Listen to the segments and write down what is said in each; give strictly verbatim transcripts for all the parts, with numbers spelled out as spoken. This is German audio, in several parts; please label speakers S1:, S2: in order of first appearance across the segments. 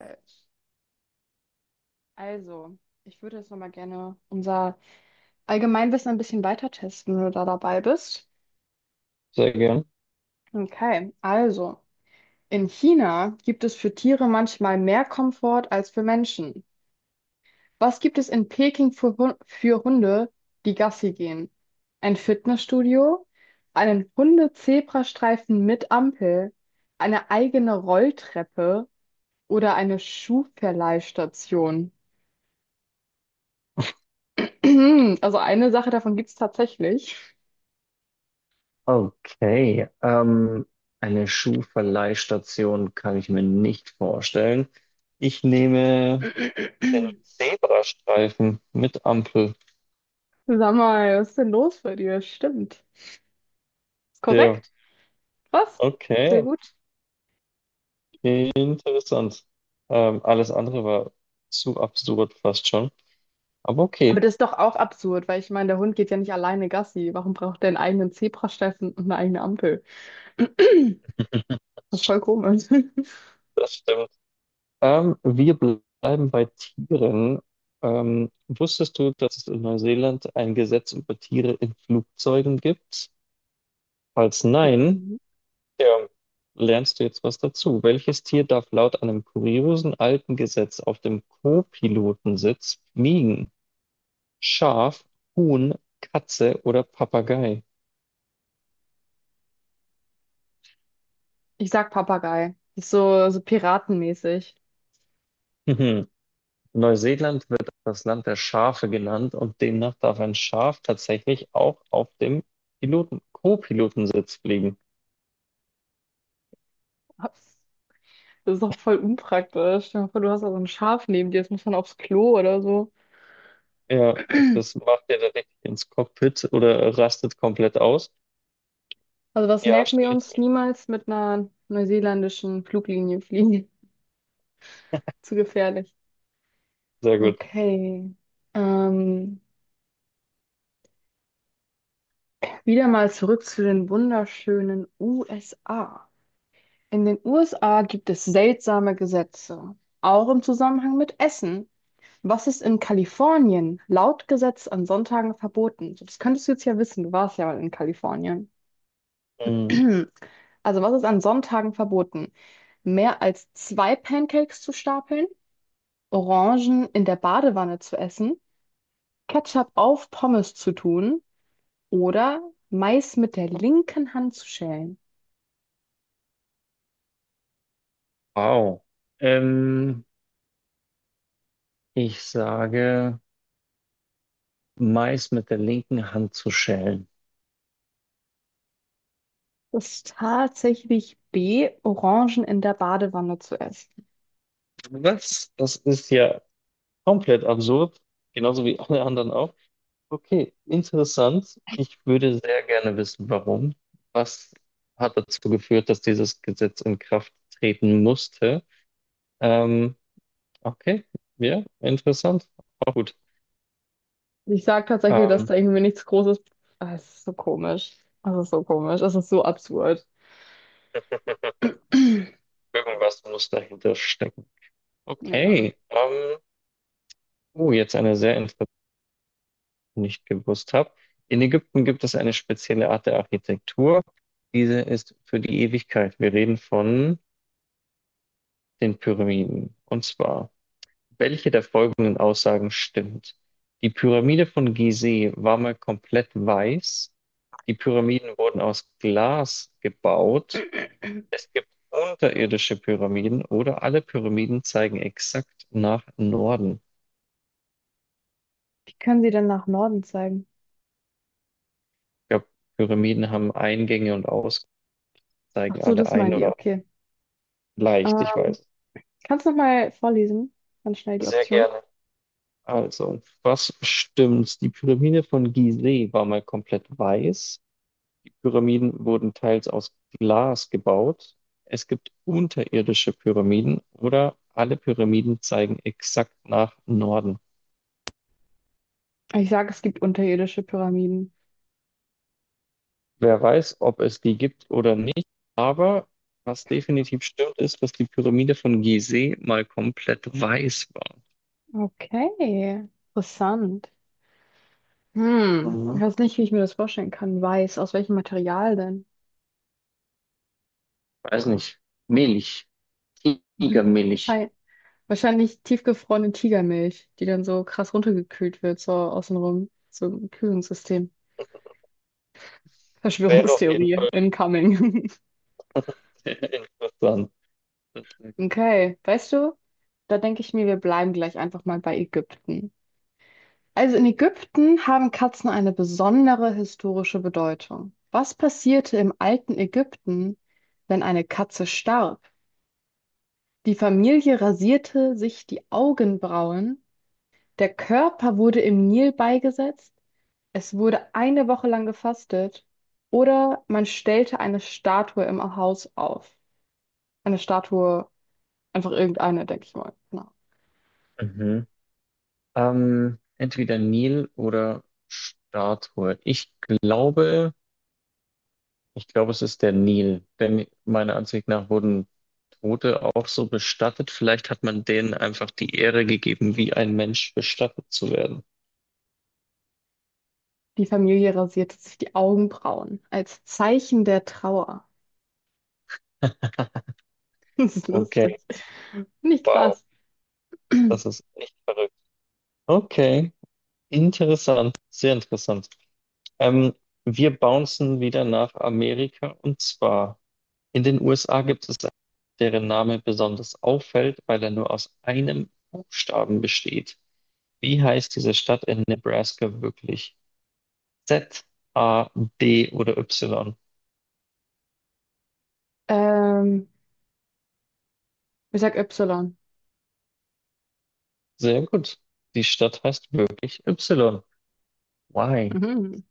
S1: Äh, Also, Ich würde jetzt nochmal gerne unser Allgemeinwissen ein bisschen weiter testen, wenn du da dabei bist.
S2: Sehr gern.
S1: Okay, also, in China gibt es für Tiere manchmal mehr Komfort als für Menschen. Was gibt es in Peking für, Hu- für Hunde, die Gassi gehen? Ein Fitnessstudio, einen Hunde-Zebrastreifen mit Ampel, eine eigene Rolltreppe oder eine Schuhverleihstation? Also eine Sache davon gibt es tatsächlich.
S2: Okay, ähm, eine Schuhverleihstation kann ich mir nicht vorstellen. Ich nehme den Zebrastreifen mit Ampel.
S1: Sag mal, was ist denn los bei dir? Stimmt. Ist
S2: Ja,
S1: korrekt. Was? Sehr
S2: okay.
S1: gut.
S2: Interessant. Ähm, alles andere war zu absurd fast schon. Aber
S1: Aber
S2: okay,
S1: das ist doch auch absurd, weil ich meine, der Hund geht ja nicht alleine Gassi. Warum braucht der einen eigenen Zebrastreifen und eine eigene Ampel? Das ist voll komisch.
S2: das stimmt. Ähm, wir bleiben bei Tieren. Ähm, wusstest du, dass es in Neuseeland ein Gesetz über Tiere in Flugzeugen gibt? Falls nein,
S1: Mhm.
S2: ja, lernst du jetzt was dazu. Welches Tier darf laut einem kuriosen alten Gesetz auf dem Co-Pilotensitz fliegen? Schaf, Huhn, Katze oder Papagei?
S1: Ich sag Papagei. Das ist so, so piratenmäßig.
S2: Mhm. Neuseeland wird das Land der Schafe genannt und demnach darf ein Schaf tatsächlich auch auf dem Piloten Co-Pilotensitz fliegen.
S1: Das ist doch voll unpraktisch. Stell dir mal vor, du hast da so ein Schaf neben dir, jetzt muss man aufs Klo oder so.
S2: Ja, das macht ihr dann richtig ins Cockpit oder rastet komplett aus.
S1: Also was
S2: Ja,
S1: merken wir
S2: stelle ich
S1: uns?
S2: mir.
S1: Niemals mit einer neuseeländischen Fluglinie fliegen? Zu gefährlich.
S2: Sehr gut.
S1: Okay. Ähm, Wieder mal zurück zu den wunderschönen U S A. In den U S A gibt es seltsame Gesetze, auch im Zusammenhang mit Essen. Was ist in Kalifornien laut Gesetz an Sonntagen verboten? So, das könntest du jetzt ja wissen, du warst ja mal in Kalifornien.
S2: Mhm.
S1: Also, was ist an Sonntagen verboten? Mehr als zwei Pancakes zu stapeln, Orangen in der Badewanne zu essen, Ketchup auf Pommes zu tun oder Mais mit der linken Hand zu schälen.
S2: Wow. Ähm, ich sage, Mais mit der linken Hand zu schälen.
S1: Das ist tatsächlich B, Orangen in der Badewanne zu essen.
S2: Was? Das ist ja komplett absurd. Genauso wie alle anderen auch. Okay, interessant. Ich würde sehr gerne wissen, warum. Was hat dazu geführt, dass dieses Gesetz in Kraft treten musste? Ähm, okay, ja, interessant. Auch gut.
S1: Ich sage tatsächlich, dass
S2: Ähm,
S1: da irgendwie nichts Großes. Ah, es ist so komisch. Es ist so komisch. Es ist so absurd.
S2: irgendwas muss dahinter stecken.
S1: Ja.
S2: Okay. Ähm, oh, jetzt eine sehr interessante. Nicht gewusst habe. In Ägypten gibt es eine spezielle Art der Architektur. Diese ist für die Ewigkeit. Wir reden von den Pyramiden. Und zwar, welche der folgenden Aussagen stimmt? Die Pyramide von Gizeh war mal komplett weiß. Die Pyramiden wurden aus Glas gebaut. Es gibt unterirdische Pyramiden oder alle Pyramiden zeigen exakt nach Norden.
S1: Wie können Sie denn nach Norden zeigen?
S2: Ich glaube, Pyramiden haben Eingänge und Ausgänge,
S1: Ach
S2: zeigen
S1: so,
S2: alle
S1: das
S2: ein
S1: meinen die.
S2: oder
S1: Okay.
S2: leicht, ich
S1: Ähm,
S2: weiß.
S1: Kannst du nochmal vorlesen? Ganz schnell die
S2: Sehr
S1: Option.
S2: gerne. Also, was stimmt? Die Pyramide von Gizeh war mal komplett weiß. Die Pyramiden wurden teils aus Glas gebaut. Es gibt unterirdische Pyramiden oder alle Pyramiden zeigen exakt nach Norden.
S1: Ich sage, es gibt unterirdische Pyramiden.
S2: Wer weiß, ob es die gibt oder nicht, aber was definitiv stimmt, ist, dass die Pyramide von Gizeh mal komplett weiß war.
S1: Okay. Interessant. Hm, ich
S2: Mhm.
S1: weiß nicht, wie ich mir das vorstellen kann. Weiß, aus welchem Material denn?
S2: Weiß nicht. Milch. Tigermilch.
S1: Wahrscheinlich, wahrscheinlich tiefgefrorene Tigermilch, die dann so krass runtergekühlt wird, so außenrum. So ein Kühlungssystem.
S2: Wäre auf jeden
S1: Verschwörungstheorie
S2: Fall
S1: incoming.
S2: interessant. Sozusagen.
S1: Okay, weißt du, da denke ich mir, wir bleiben gleich einfach mal bei Ägypten. Also in Ägypten haben Katzen eine besondere historische Bedeutung. Was passierte im alten Ägypten, wenn eine Katze starb? Die Familie rasierte sich die Augenbrauen. Der Körper wurde im Nil beigesetzt. Es wurde eine Woche lang gefastet. Oder man stellte eine Statue im Haus auf. Eine Statue, einfach irgendeine, denke ich mal. Genau.
S2: Mhm. Ähm, entweder Nil oder Statue. Ich glaube, ich glaube, es ist der Nil, denn meiner Ansicht nach wurden Tote auch so bestattet. Vielleicht hat man denen einfach die Ehre gegeben, wie ein Mensch bestattet zu werden.
S1: Die Familie rasierte sich die Augenbrauen als Zeichen der Trauer. Das ist lustig.
S2: Okay,
S1: Finde ich
S2: wow,
S1: krass.
S2: das ist echt verrückt. Okay, interessant, sehr interessant. Ähm, wir bouncen wieder nach Amerika und zwar. In den U S A gibt es einen, deren Name besonders auffällt, weil er nur aus einem Buchstaben besteht. Wie heißt diese Stadt in Nebraska wirklich? Z, A, D oder Y?
S1: Ähm, Ich sag Y.
S2: Sehr gut. Die Stadt heißt wirklich Y. Why?
S1: Mhm.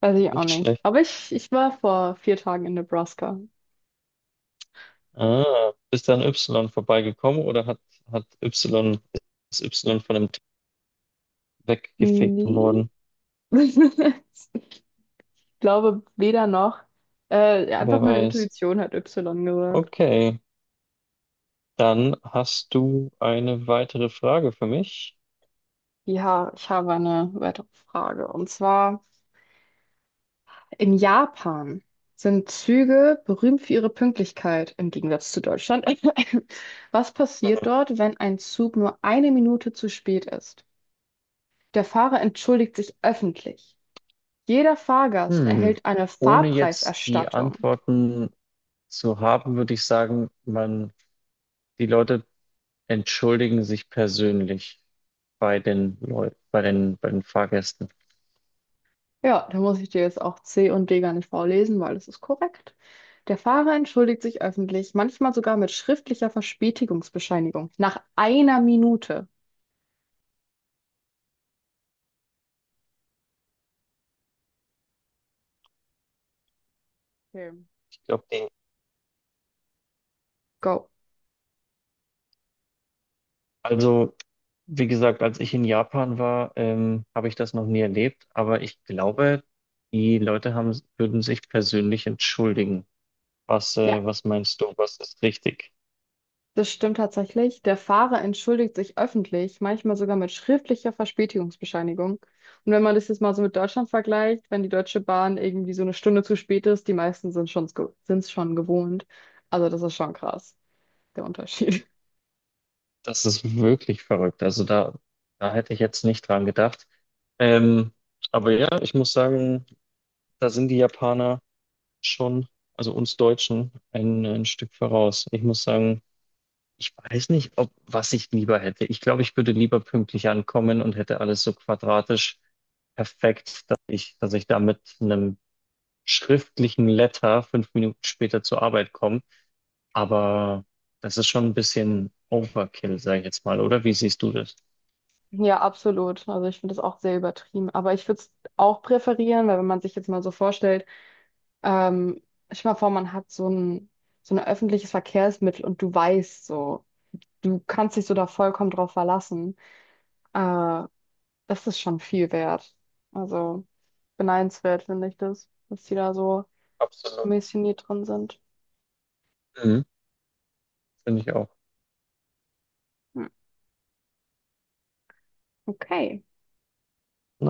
S1: Weiß ich auch
S2: Nicht
S1: nicht.
S2: schlecht.
S1: Aber ich, ich war vor vier Tagen in Nebraska.
S2: Ah, bist du an Y vorbeigekommen oder hat, hat Y, ist Y von dem T weggefegt
S1: Nee.
S2: worden?
S1: Ich glaube weder noch. Äh, ja,
S2: Wer
S1: einfach meine
S2: weiß.
S1: Intuition hat Y gesagt.
S2: Okay, dann hast du eine weitere Frage für mich.
S1: Ja, ich habe eine weitere Frage. Und zwar, in Japan sind Züge berühmt für ihre Pünktlichkeit, im Gegensatz zu Deutschland. Was passiert dort, wenn ein Zug nur eine Minute zu spät ist? Der Fahrer entschuldigt sich öffentlich. Jeder Fahrgast
S2: Hm.
S1: erhält eine
S2: Ohne jetzt die
S1: Fahrpreiserstattung.
S2: Antworten zu haben, würde ich sagen, man, die Leute entschuldigen sich persönlich bei den Leuten, bei den, bei den Fahrgästen.
S1: Ja, da muss ich dir jetzt auch C und D gar nicht vorlesen, weil das ist korrekt. Der Fahrer entschuldigt sich öffentlich, manchmal sogar mit schriftlicher Verspätigungsbescheinigung. Nach einer Minute. Okay.
S2: Ich glaube, die,
S1: Go.
S2: also, wie gesagt, als ich in Japan war, ähm, habe ich das noch nie erlebt, aber ich glaube, die Leute haben, würden sich persönlich entschuldigen. Was, äh,
S1: Ja,
S2: was meinst du, was ist richtig?
S1: das stimmt tatsächlich. Der Fahrer entschuldigt sich öffentlich, manchmal sogar mit schriftlicher Verspätigungsbescheinigung. Und wenn man das jetzt mal so mit Deutschland vergleicht, wenn die Deutsche Bahn irgendwie so eine Stunde zu spät ist, die meisten sind schon, sind es schon gewohnt. Also das ist schon krass, der Unterschied.
S2: Das ist wirklich verrückt. Also da, da hätte ich jetzt nicht dran gedacht. Ähm, aber ja, ich muss sagen, da sind die Japaner schon, also uns Deutschen, ein, ein Stück voraus. Ich muss sagen, ich weiß nicht, ob was ich lieber hätte. Ich glaube, ich würde lieber pünktlich ankommen und hätte alles so quadratisch perfekt, dass ich, dass ich da mit einem schriftlichen Letter fünf Minuten später zur Arbeit komme. Aber das ist schon ein bisschen Overkill, sage ich jetzt mal, oder? Wie siehst du das?
S1: Ja, absolut. Also ich finde das auch sehr übertrieben. Aber ich würde es auch präferieren, weil wenn man sich jetzt mal so vorstellt, ähm, stell dir mal vor, man hat so ein, so ein öffentliches Verkehrsmittel und du weißt so, du kannst dich so da vollkommen drauf verlassen. Äh, Das ist schon viel wert. Also beneidenswert finde ich das, dass die da so
S2: Absolut.
S1: missioniert drin sind.
S2: Mhm. Finde ich auch.
S1: Hm, okay.
S2: Ne?